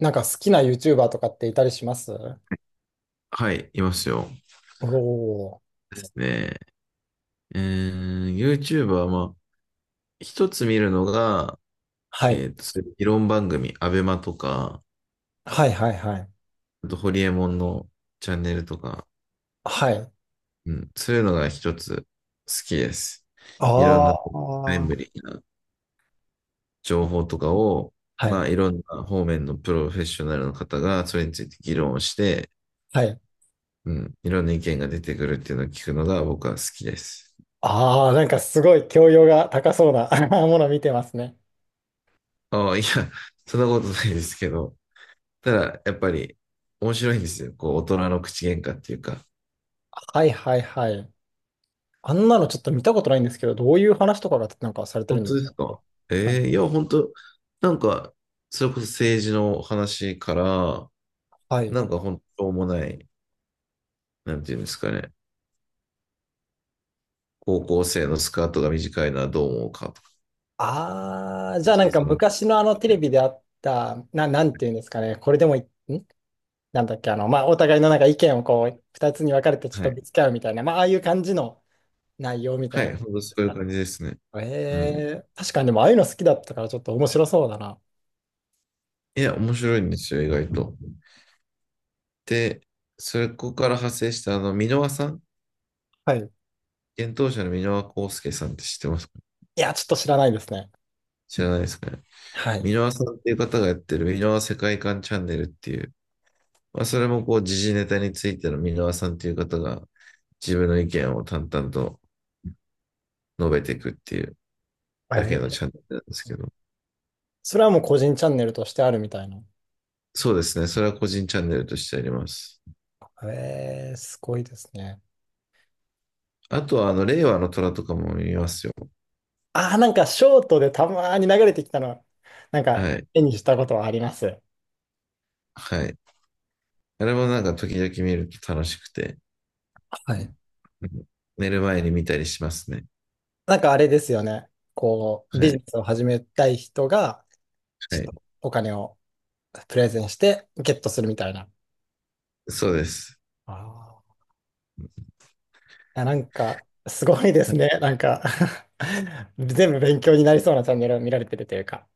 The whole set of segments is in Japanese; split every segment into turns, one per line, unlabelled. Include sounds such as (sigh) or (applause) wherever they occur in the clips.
なんか好きな YouTuber とかっていたりします？
はい、いますよ。
おー。
ですね。YouTuber は、まあ、一つ見るのが、
はい。
そういう議論番組、アベマとか、
はいはいはい。
あと、ホリエモンのチャンネルとか、
はい。
うん、そういうのが一つ好きです。
あ
いろんな、
あ。
タイム
は
リーな情報とかを、
い。
まあ、いろんな方面のプロフェッショナルの方が、それについて議論をして、
はい。
うん、いろんな意見が出てくるっていうのを聞くのが僕は好きです。
ああ、なんかすごい教養が高そうな (laughs) もの見てますね。
ああ、いや、そんなことないですけど、たら、やっぱり面白いんですよ。こう、大人の口喧嘩っていうか。
はいはいはい。あんなのちょっと見たことないんですけど、どういう話とかがなんかされてる
本
んで
当
す
で
か？
すか？ええいや、本当なんか、それこそ政治の話から、
はい。
なんか本当もない、なんていうんですかね。高校生のスカートが短いのはどう思うかとか、
ああ、じゃあ
小さなと
昔の
こ
テレ
で。
ビであった、なんていうんですかね、これでもい、ん、なんだっけ、あの、まあ、お互いのなんか意見をこう、二つに分かれてちょっ
は
と
い。
ぶつけ合うみたいな、ああいう感じの内容みた
は
いな。
い、本当そ
で
う
す
いう
か
感じですね。
ら。
うん。
確かにでもああいうの好きだったからちょっと面白そうだな。
いや、面白いんですよ、意外と。で、それここから派生した、箕輪さん、
はい。
幻冬舎の箕輪康介さんって知ってますか？
いや、ちょっと知らないですね。
知らないですかね。
はい。
箕輪さんっていう方がやってる箕輪世界観チャンネルっていう、まあ、それもこう時事ネタについての箕輪さんっていう方が自分の意見を淡々と述べていくっていうだけ
え
のチャン
ー、
ネルなんですけど、
それはもう個人チャンネルとしてあるみたいな。
そうですね、それは個人チャンネルとしてあります。
えー、すごいですね。
あとは、令和の虎とかも見ますよ。
ああ、なんかショートでたまーに流れてきたの、なんか
はい。
絵にしたことはあります。
はい。あれもなんか時々見ると楽しくて、
は
うん、
い。
寝る前に見たりしますね。
なんかあれですよね。こう、
は
ビジ
い。
ネスを始めたい人が、
は
ちょっ
い。
とお金をプレゼンしてゲットするみたいな。
そうです。
あー、や、なんか、すごいですね。なんか (laughs) 全部勉強になりそうなチャンネルを見られてるというか。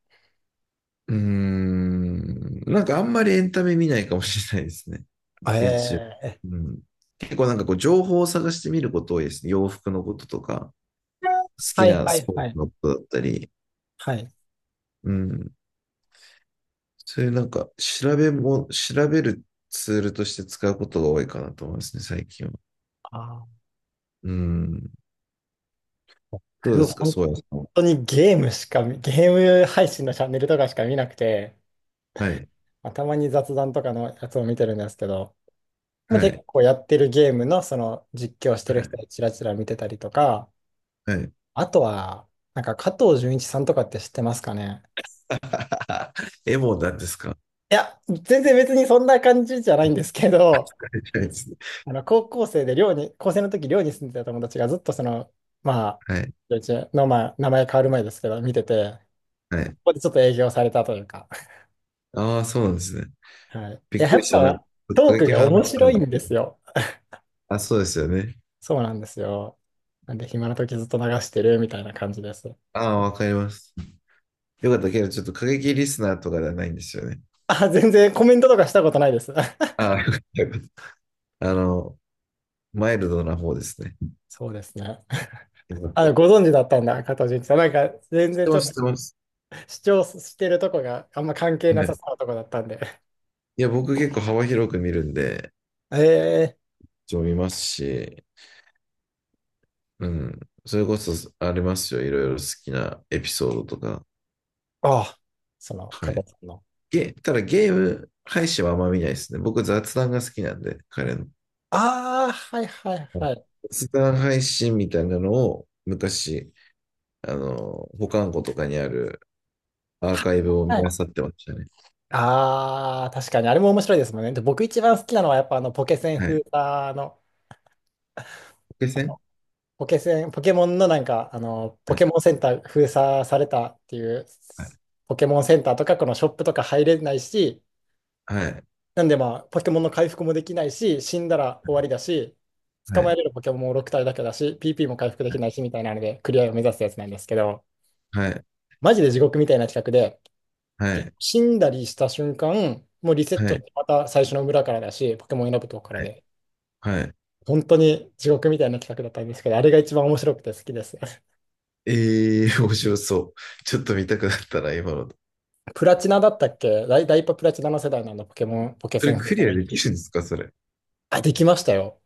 うーん。なんかあんまりエンタメ見ないかもしれないですね。YouTube
ええ、
うん。結構なんかこう、情報を探してみること多いですね。洋服のこととか、好き
はい
な
は
ス
い
ポーツ
はい。
のことだったり、
はい。
うん。そういうなんか、調べるツールとして使うことが多いかなと思いますね、最近は。
あー、
うん。どうで
僕、
すか、
本
そうやさんは。
当にゲームしか見、ゲーム配信のチャンネルとかしか見なくて、
はい。
たまに雑談とかのやつを見てるんですけど、
は
結
い。
構やってるゲームのその実況してる
は
人
い。
をちらちら見てたりとか、
はい。
あとは、なんか加藤純一さんとかって知ってますかね？
(laughs) エモなんですか？
いや、全然別にそんな感じじゃないんですけど、
じゃないですね。
高校生で寮に、高生の時寮に住んでた友達がずっとその、まあ、
はい。
うちの、名前変わる前ですけど、見てて、
は
こ
い。
こでちょっと営業されたというか。
ああ、そうなんですね。
(laughs) はい。
び
い
っ
や、
く
や
り
っ
した。なんか、
ぱ、ト
突
ーク
撃
が
派の
面
人ら
白い
も、
んですよ。
あ、そうですよね。
そうなんですよ。なんで、暇な時ずっと流してるみたいな感じです。
ああ、わかります。よかったけど、ちょっと過激リスナーとかではないんですよね。
あ、全然コメントとかしたことないです。(laughs)
ああ、よかったよかった。マイルドな方ですね。
そうですね。
よかっ
あ、
た。
ご存知だったんだ、加藤純一さん。なんか、全
知っ
然
て
ちょ
ま
っ
す、
と
知ってます。
主張してるとこがあんま関係な
は
さ
い。
そうなとこだったんで。
いや、僕結構幅広く見るんで、
ええ、
一応見ますし、うん。それこそありますよ。いろいろ好きなエピソードとか。
あ (laughs) あ、その、
は
加
い。
藤さんの。
ただゲーム配信はあんま見ないですね。僕雑談が好きなんで、彼の。
ああ、はいはい
は
は
い。
い。
雑談配信みたいなのを昔、保管庫とかにあるアーカイブを見
は
漁
い。
ってましたね。
ああ、確かに、あれも面白いですもんね。で、僕一番好きなのは、やっぱポケセン
はい。
封鎖の、
決
あ
戦
の、ポケモンのなんか、ポ
はい、
ケモンセンター封鎖されたっていう、
はい、
ポケモンセンターとかこのショップとか入れないし、
はい、
なんでまあ、ポケモンの回復もできないし、死んだら終わりだし、捕
は
まえ
い、
れるポケモンも6体だけだし、PP も回復できないし、みたいなので、クリアを目指すやつなんですけど、
はい、
マジで地獄みたいな企画で、
はい、
死んだりした瞬間、もうリセットして
は
また最初の村からだし、ポケモン選ぶとこから
い、
で、
はい。
本当に地獄みたいな企画だったんですけど、あれが一番面白くて好きです。(laughs)
ええー、面白そう。ちょっと見たくなったな、今の。
プラチナだったっけ、ダイパプラチナの世代なんだ、ポケ
そ
セ
れ
ン封
クリア
鎖が。
できるんですか、それ。
あ、できましたよ。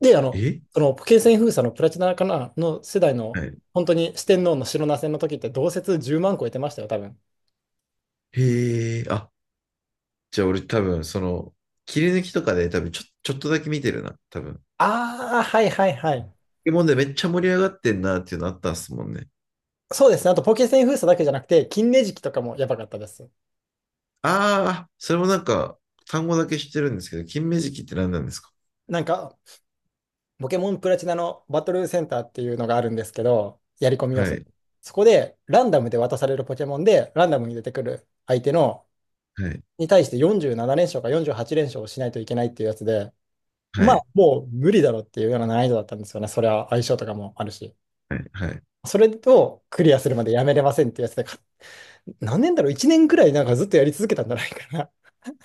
で、
え、
そのポケセン封鎖のプラチナかなの世代の、
はい。
本当に四天王の白ナ戦の時って同説10万個えてましたよ、多分。
へえ、あ、じゃあ俺多分、その、切り抜きとかで多分ちょ、ちょっとだけ見てるな、多分。ポ
ああ、はいはいはい。
ケモンでめっちゃ盛り上がってんなっていうのあったんですもんね。
そうですね。あと、ポケセン封鎖だけじゃなくて、金ネジキとかもやばかったです。
ああ、それもなんか、単語だけ知ってるんですけど、金目鯽って何なんですか？
なんか、ポケモンプラチナのバトルセンターっていうのがあるんですけど、やり込み要
は
素。
い、
そこでランダムで渡されるポケモンで、ランダムに出てくる相手の
はい、
に対して47連勝か48連勝をしないといけないっていうやつで、
は
まあ
い、
もう無理だろうっていうような難易度だったんですよね。それは相性とかもあるし。
はい、はい、
それをクリアするまでやめれませんっていうやつで、か、何年だろう？ 1 年くらいなんかずっとやり続けたんじゃないかな。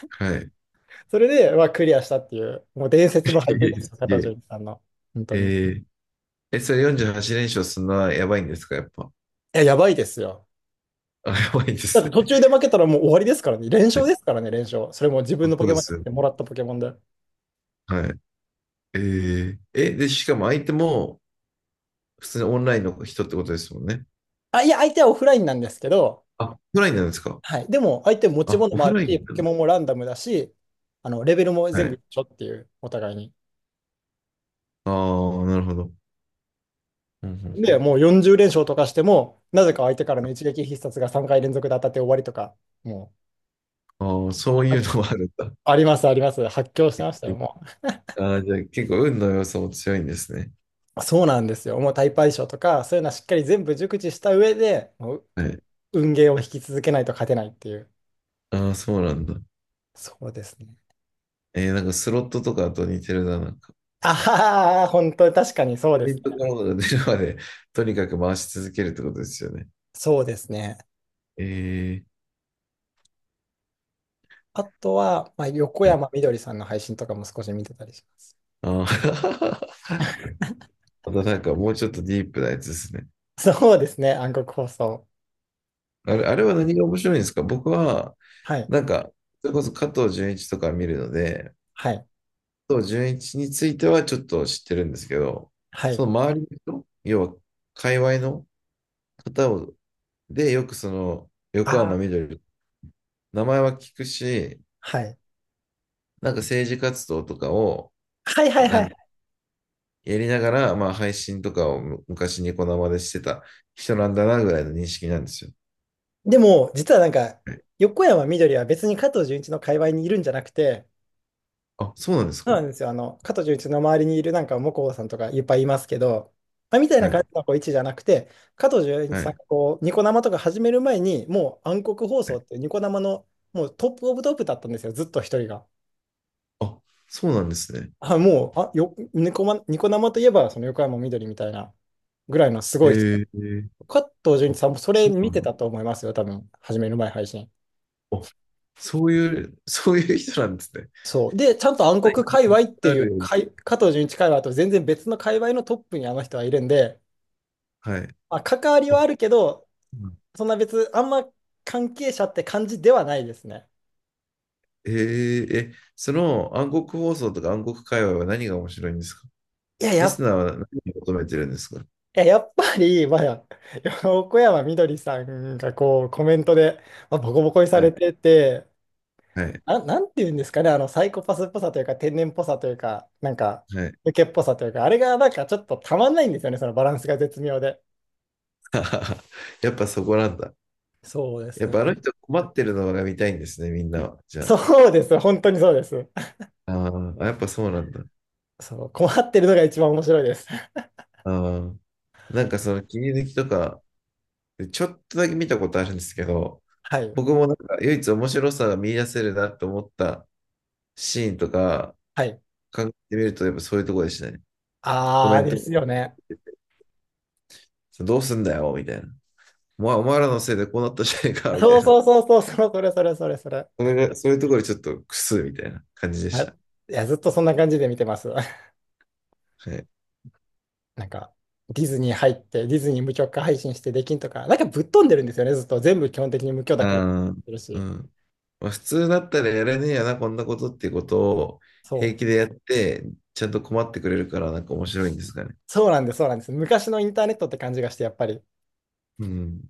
はい。
(laughs) それで、まあ、クリアしたっていう、もう伝説の
(laughs)
敗戦ですよ、
すげ
片
え。
条さんの。本当に。い
えーえ、それ48連勝するのはやばいんですか、やっぱ。
や、やばいですよ。
(laughs) あ、やばいで
だっ
す
て途
ね。
中で負けたらもう終わりですからね。連
(laughs)
勝
ね、
ですからね、連勝。それも自分のポ
そう
ケ
で
モンじゃ
す
な
よ
くて
ね。
もらったポケモンで。
はい。えー、え、で、しかも相手も普通にオンラインの人ってことですもんね。
あ、いや、相手はオフラインなんですけど、
あ、オフラインなんですか。
はい。でも、相手持ち
あ、
物
オ
も
フ
ある
ライン
し、ポ
なん
ケ
だ。
モンもランダムだし、レベルも
は
全部
い。
一緒っていう、お互いに。
ああ、なるほど。うんうんう
で、
ん。
もう40連勝とかしても、なぜか相手からの一撃必殺が3回連続で当たって終わりとか、も
ああ、そ
う、
ういうの
あ、
もあるんだ。
あります、あります。発狂してましたよ、
(laughs)
も
ああ、じゃあ結構運の要素も強いんですね。
う。そうなんですよ。もうタイプ相性とか、そういうのはしっかり全部熟知した上で、もう
はい。
運ゲーを引き続けないと勝てないっていう。
ああ、そうなんだ。
そうですね。
えー、なんかスロットとかと似てるな、なんか。
ああ、本当に確かにそう
ク
で
レ
す。
ジットカードが出るまで、とにかく回し続けるってことですよね。
そうですね。
えー、
あとは、まあ、横山みどりさんの配信とかも少し見てたりします。
あ。 (laughs) またなんかもうちょっとディープなやつですね。
そうですね、暗黒放送。
あれ、あれは何が面白いんですか？僕は、
はい、
なんか、それこそ加藤純一とか見るので、
はい、
加藤純一についてはちょっと知ってるんですけど、
は
そ
い。
の周りの人、要は、界隈の方を、で、よくその、横
あ
浜
あ、
みどり、名前は聞くし、
はい。
なんか政治活動とかを、
はいはいは
ん
い。
やりながら、まあ配信とかを昔昔ニコ生でしてた人なんだなぐらいの認識なんですよ。
でも、実はなんか、
はい。
横山みどりは別に加藤純一の界隈にいるんじゃなくて、
あ、そうなんです
そう
か？
なんですよ。加藤純一の周りにいるなんか、向こうさんとかいっぱいいますけど、みたい
は
な感
い。
じのこう位置じゃなくて、加藤純一
は
さん
い。
がこう、ニコ生とか始める前に、もう暗黒放送っていうニコ生のもうトップオブトップだったんですよ、ずっと一人が。
あ、そうなんですね。
あ、もう、あ、よ、ニコマ、ニコ生といえば、その横山みどりみたいなぐらいのすごい人。
えー、
加藤純
あ、
一さんもそれ
そう
見
な
て
んだ。
たと思いますよ、多分、始める前配信。
あ、そういう、(laughs) そういう人なんですね。いっ
そう。で、ちゃんと暗
ぱい
黒界隈って
あ
い
る
う、
ように、
加藤純一界隈と全然別の界隈のトップにあの人はいるんで、
はい。
まあ、関わりは
あ、
あるけど、
うん。
そんな別、あんま関係者って感じではないですね。
えー、え、その暗黒放送とか暗黒界隈は何が面白いんですか？
いや、や
リス
っ、
ナーは何を求めてるんですか？
いや、やっぱり、まあ、(laughs) 横山みどりさんがこうコメントで、まあ、ボコボコにさ
は
れ
い。
てて、
はい。
あ、なんていうんですかね、あのサイコパスっぽさというか、天然っぽさというか、なんか、
はい。
受けっぽさというか、あれがなんかちょっとたまんないんですよね、そのバランスが絶妙で。
(laughs) あ、やっぱそこなんだ。
そうで
やっ
す。
ぱあの人困ってるのが見たいんですね、みんなは。じゃあ。
そうです、本当にそうです。
あーあ、やっぱそうなんだ。
そう、困ってるのが一番面白いです。
ああ、なんかその切り抜きとか、でちょっとだけ見たことあるんですけど、
はい。
僕もなんか唯一面白さが見出せるなと思ったシーンとか
はい。
考えてみると、やっぱそういうとこでしたね。コメ
あー
ン
で
ト
すよね。
どうすんだよみたいな。お前お前らのせいでこうなったじゃねえか
(laughs)
みた
そ
い
う
な。
そうそうそう、そうそれそれそれそれ。
それが、そういうところでちょっとクスみたいな感じでし
い
た。
や、ずっとそんな感じで見てます。(laughs)
はい。
なんか、ディズニー入って、ディズニー無許可配信してできんとか、なんかぶっ飛んでるんですよね、ずっと。全部基本的に無許諾でやっ
あー
てる
う
し。
ん、まあ、普通だったらやれねえやな、こんなことっていうことを平
そ
気で
う。
やって、ちゃんと困ってくれるからなんか面白いんですかね。
そうなんです、そうなんです。昔のインターネットって感じがして、やっぱり。
うん。